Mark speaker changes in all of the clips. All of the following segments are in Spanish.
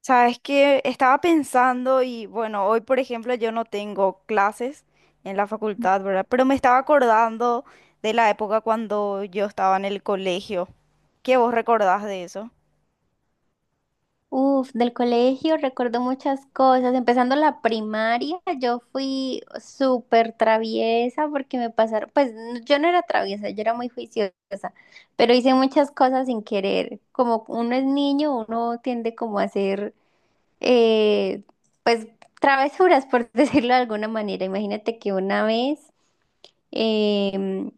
Speaker 1: Sabes que estaba pensando y bueno, hoy por ejemplo yo no tengo clases en la facultad, ¿verdad? Pero me estaba acordando de la época cuando yo estaba en el colegio. ¿Qué vos recordás de eso?
Speaker 2: Uf, del colegio recuerdo muchas cosas. Empezando la primaria, yo fui súper traviesa porque me pasaron, pues yo no era traviesa, yo era muy juiciosa, pero hice muchas cosas sin querer. Como uno es niño, uno tiende como a hacer, eh, pues, travesuras, por decirlo de alguna manera. Imagínate que una vez... em,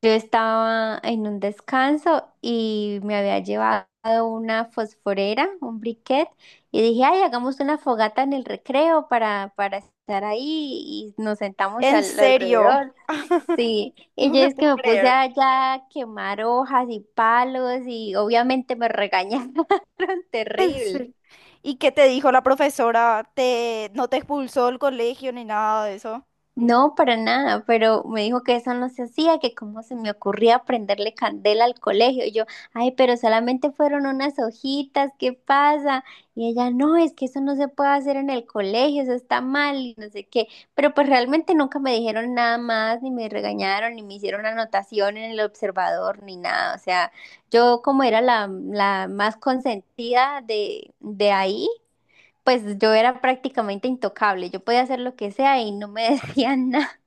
Speaker 2: yo estaba en un descanso y me había llevado una fosforera, un briquet, y dije, ay, hagamos una fogata en el recreo para estar ahí y nos sentamos
Speaker 1: En serio,
Speaker 2: alrededor. Sí, y
Speaker 1: no
Speaker 2: yo
Speaker 1: te
Speaker 2: es que
Speaker 1: puedo
Speaker 2: me puse
Speaker 1: creer.
Speaker 2: allá a quemar hojas y palos, y obviamente me regañaron
Speaker 1: En
Speaker 2: terrible.
Speaker 1: serio. ¿Y qué te dijo la profesora? No te expulsó del colegio ni nada de eso?
Speaker 2: No, para nada, pero me dijo que eso no se hacía, que cómo se me ocurría prenderle candela al colegio. Y yo, ay, pero solamente fueron unas hojitas, ¿qué pasa? Y ella, no, es que eso no se puede hacer en el colegio, eso está mal y no sé qué. Pero pues realmente nunca me dijeron nada más, ni me regañaron, ni me hicieron anotación en el observador, ni nada. O sea, yo como era la más consentida de ahí. Pues yo era prácticamente intocable, yo podía hacer lo que sea y no me decían nada.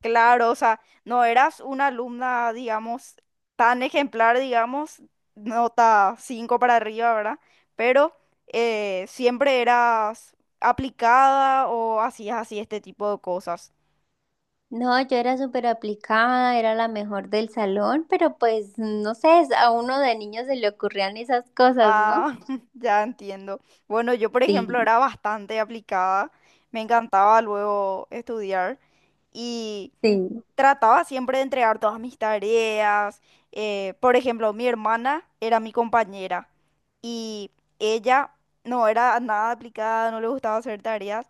Speaker 1: Claro, o sea, no eras una alumna, digamos, tan ejemplar, digamos, nota 5 para arriba, ¿verdad? Pero siempre eras aplicada o hacías así este tipo de cosas.
Speaker 2: No, yo era súper aplicada, era la mejor del salón, pero pues no sé, a uno de niño se le ocurrían esas cosas, ¿no?
Speaker 1: Ah, ya entiendo. Bueno, yo, por
Speaker 2: Sí,
Speaker 1: ejemplo, era bastante aplicada, me encantaba luego estudiar y
Speaker 2: sí.
Speaker 1: trataba siempre de entregar todas mis tareas. Por ejemplo, mi hermana era mi compañera y ella no era nada aplicada, no le gustaba hacer tareas.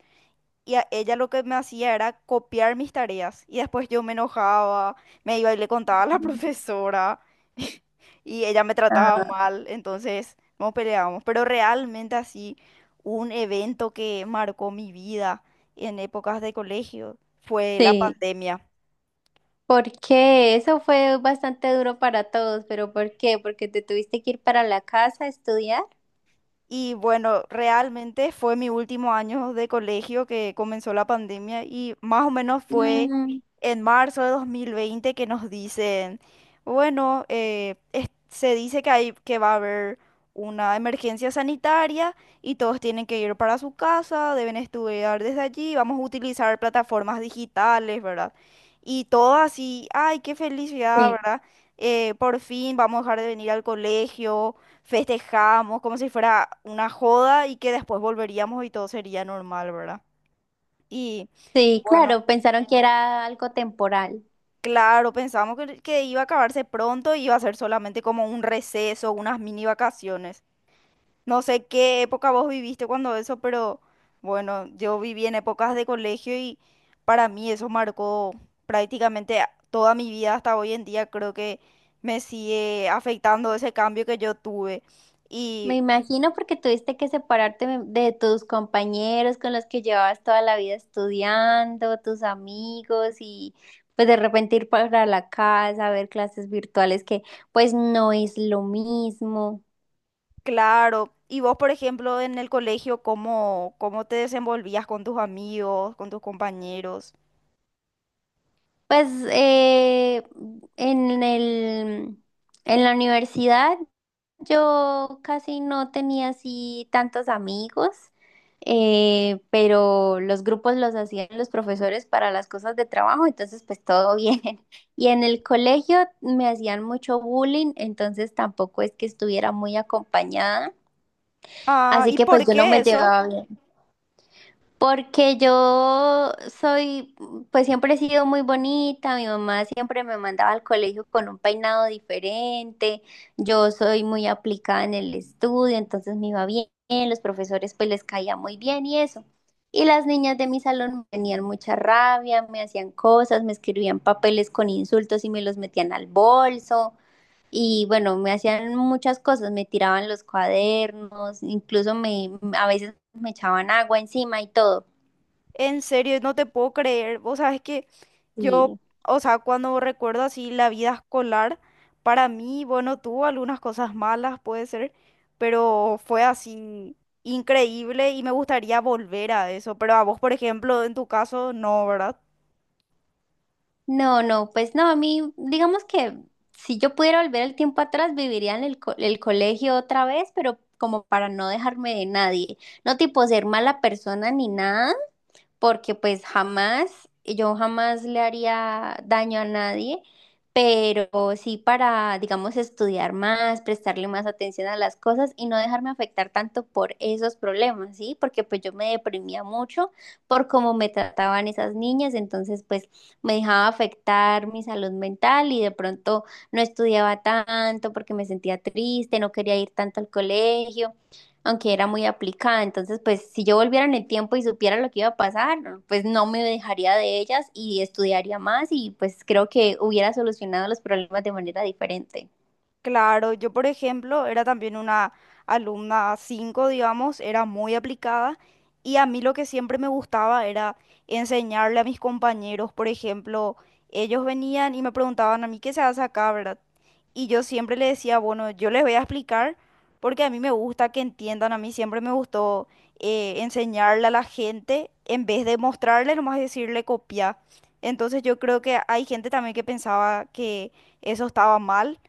Speaker 1: Y a ella lo que me hacía era copiar mis tareas. Y después yo me enojaba, me iba y le contaba a la profesora. Y ella me trataba
Speaker 2: Ah,
Speaker 1: mal, entonces nos peleábamos. Pero realmente así, un evento que marcó mi vida en épocas de colegio fue la
Speaker 2: sí.
Speaker 1: pandemia.
Speaker 2: Porque eso fue bastante duro para todos, pero ¿por qué? Porque te tuviste que ir para la casa a estudiar.
Speaker 1: Y bueno, realmente fue mi último año de colegio que comenzó la pandemia y más o menos fue
Speaker 2: Mm,
Speaker 1: en marzo de 2020 que nos dicen, bueno, se dice que hay, que va a haber una emergencia sanitaria y todos tienen que ir para su casa, deben estudiar desde allí, vamos a utilizar plataformas digitales, ¿verdad? Y todo así, ay, qué felicidad,
Speaker 2: sí,
Speaker 1: ¿verdad? Por fin vamos a dejar de venir al colegio, festejábamos como si fuera una joda y que después volveríamos y todo sería normal, ¿verdad? Y
Speaker 2: sí,
Speaker 1: bueno,
Speaker 2: claro, pensaron que era algo temporal.
Speaker 1: claro, pensamos que iba a acabarse pronto y iba a ser solamente como un receso, unas mini vacaciones. No sé qué época vos viviste cuando eso, pero bueno, yo viví en épocas de colegio y para mí eso marcó prácticamente toda mi vida hasta hoy en día. Creo que me sigue afectando ese cambio que yo tuve.
Speaker 2: Me
Speaker 1: Y
Speaker 2: imagino, porque tuviste que separarte de tus compañeros con los que llevabas toda la vida estudiando, tus amigos, y pues de repente ir para la casa, ver clases virtuales que pues no es lo mismo.
Speaker 1: claro. Y vos, por ejemplo, en el colegio, ¿cómo, cómo te desenvolvías con tus amigos, con tus compañeros?
Speaker 2: Pues en el, en la universidad yo casi no tenía así tantos amigos, pero los grupos los hacían los profesores para las cosas de trabajo, entonces pues todo bien. Y en el colegio me hacían mucho bullying, entonces tampoco es que estuviera muy acompañada,
Speaker 1: Ah,
Speaker 2: así
Speaker 1: ¿y
Speaker 2: que pues
Speaker 1: por
Speaker 2: yo no
Speaker 1: qué
Speaker 2: me
Speaker 1: eso?
Speaker 2: llevaba bien. Porque yo soy, pues siempre he sido muy bonita, mi mamá siempre me mandaba al colegio con un peinado diferente, yo soy muy aplicada en el estudio, entonces me iba bien, los profesores pues les caía muy bien y eso. Y las niñas de mi salón me tenían mucha rabia, me hacían cosas, me escribían papeles con insultos y me los metían al bolso. Y bueno, me hacían muchas cosas, me tiraban los cuadernos, incluso me, a veces me echaban agua encima y todo.
Speaker 1: En serio, no te puedo creer. Vos sabes que yo,
Speaker 2: Sí.
Speaker 1: o sea, cuando recuerdo así la vida escolar, para mí, bueno, tuvo algunas cosas malas, puede ser, pero fue así increíble y me gustaría volver a eso. Pero a vos, por ejemplo, en tu caso, no, ¿verdad?
Speaker 2: No, no, pues no, a mí, digamos que si yo pudiera volver el tiempo atrás, viviría en el, el colegio otra vez, pero como para no dejarme de nadie, no tipo ser mala persona ni nada, porque pues jamás, yo jamás le haría daño a nadie, pero sí para, digamos, estudiar más, prestarle más atención a las cosas y no dejarme afectar tanto por esos problemas, ¿sí? Porque pues yo me deprimía mucho por cómo me trataban esas niñas, entonces pues me dejaba afectar mi salud mental y de pronto no estudiaba tanto porque me sentía triste, no quería ir tanto al colegio aunque era muy aplicada. Entonces, pues si yo volviera en el tiempo y supiera lo que iba a pasar, pues no me dejaría de ellas y estudiaría más, y pues creo que hubiera solucionado los problemas de manera diferente.
Speaker 1: Claro, yo por ejemplo era también una alumna 5, digamos, era muy aplicada y a mí lo que siempre me gustaba era enseñarle a mis compañeros. Por ejemplo, ellos venían y me preguntaban a mí qué se hace acá, ¿verdad? Y yo siempre le decía, bueno, yo les voy a explicar porque a mí me gusta que entiendan, a mí siempre me gustó enseñarle a la gente en vez de mostrarle, nomás decirle copia. Entonces yo creo que hay gente también que pensaba que eso estaba mal,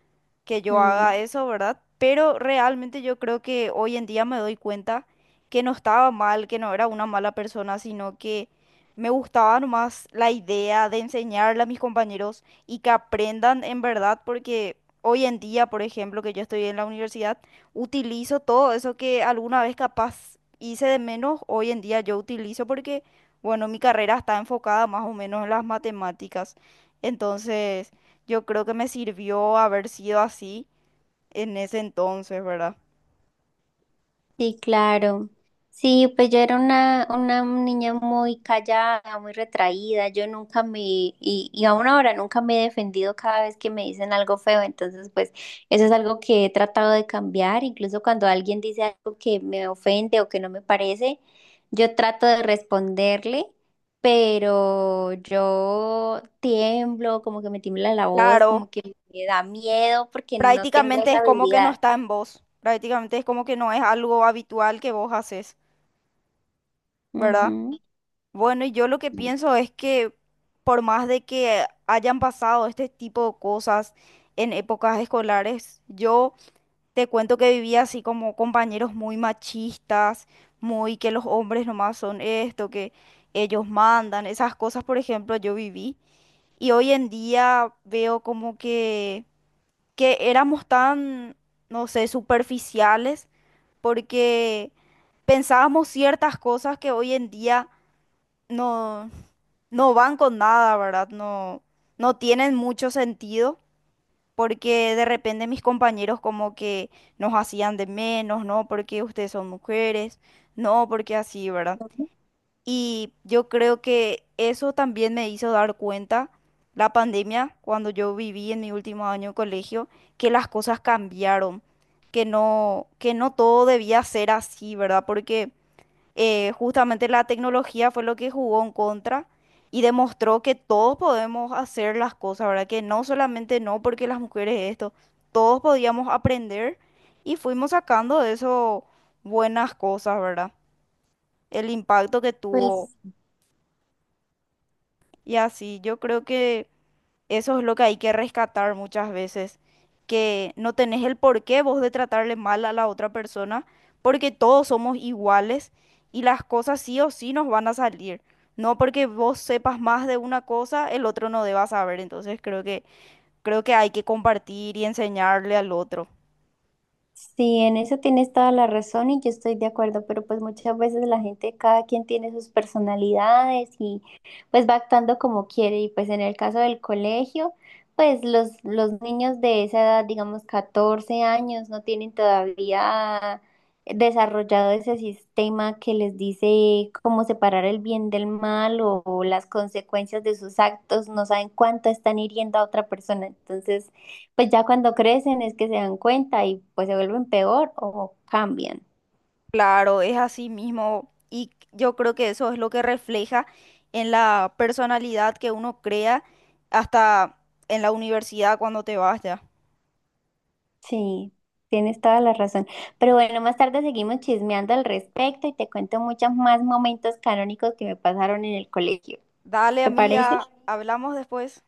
Speaker 1: que yo
Speaker 2: Mm.
Speaker 1: haga eso, ¿verdad? Pero realmente yo creo que hoy en día me doy cuenta que no estaba mal, que no era una mala persona, sino que me gustaba nomás la idea de enseñarle a mis compañeros y que aprendan en verdad, porque hoy en día, por ejemplo, que yo estoy en la universidad, utilizo todo eso que alguna vez capaz hice de menos, hoy en día yo utilizo porque, bueno, mi carrera está enfocada más o menos en las matemáticas. Entonces, yo creo que me sirvió haber sido así en ese entonces, ¿verdad?
Speaker 2: Sí, claro. Sí, pues yo era una niña muy callada, muy retraída. Yo nunca me, y aún ahora nunca me he defendido cada vez que me dicen algo feo. Entonces, pues eso es algo que he tratado de cambiar. Incluso cuando alguien dice algo que me ofende o que no me parece, yo trato de responderle, pero yo tiemblo, como que me tiembla la voz,
Speaker 1: Claro,
Speaker 2: como que me da miedo porque no tengo
Speaker 1: prácticamente
Speaker 2: esa
Speaker 1: es como que no
Speaker 2: habilidad.
Speaker 1: está en vos, prácticamente es como que no es algo habitual que vos haces, ¿verdad?
Speaker 2: Ujú.
Speaker 1: Bueno, y yo lo que pienso es que por más de que hayan pasado este tipo de cosas en épocas escolares, yo te cuento que vivía así como compañeros muy machistas, muy que los hombres nomás son esto, que ellos mandan, esas cosas, por ejemplo, yo viví. Y hoy en día veo como que éramos tan, no sé, superficiales porque pensábamos ciertas cosas que hoy en día no, no van con nada, ¿verdad? No, no tienen mucho sentido porque de repente mis compañeros como que nos hacían de menos, ¿no? Porque ustedes son mujeres, no, porque así, ¿verdad? Y yo creo que eso también me hizo dar cuenta, la pandemia, cuando yo viví en mi último año de colegio, que las cosas cambiaron, que no todo debía ser así, ¿verdad? Porque justamente la tecnología fue lo que jugó en contra y demostró que todos podemos hacer las cosas, ¿verdad? Que no solamente no porque las mujeres esto, todos podíamos aprender y fuimos sacando de eso buenas cosas, ¿verdad? El impacto que tuvo.
Speaker 2: Pues
Speaker 1: Y así, yo creo que eso es lo que hay que rescatar muchas veces, que no tenés el porqué vos de tratarle mal a la otra persona, porque todos somos iguales y las cosas sí o sí nos van a salir. No porque vos sepas más de una cosa, el otro no deba saber. Entonces creo que hay que compartir y enseñarle al otro.
Speaker 2: sí, en eso tienes toda la razón y yo estoy de acuerdo, pero pues muchas veces la gente, cada quien tiene sus personalidades y pues va actuando como quiere, y pues en el caso del colegio, pues los niños de esa edad, digamos 14 años, no tienen todavía desarrollado ese sistema que les dice cómo separar el bien del mal o las consecuencias de sus actos, no saben cuánto están hiriendo a otra persona, entonces pues ya cuando crecen es que se dan cuenta y pues se vuelven peor o cambian.
Speaker 1: Claro, es así mismo y yo creo que eso es lo que refleja en la personalidad que uno crea hasta en la universidad cuando te vas ya.
Speaker 2: Sí, tienes toda la razón. Pero bueno, más tarde seguimos chismeando al respecto y te cuento muchos más momentos canónicos que me pasaron en el colegio.
Speaker 1: Dale,
Speaker 2: ¿Te parece?
Speaker 1: amiga, hablamos después.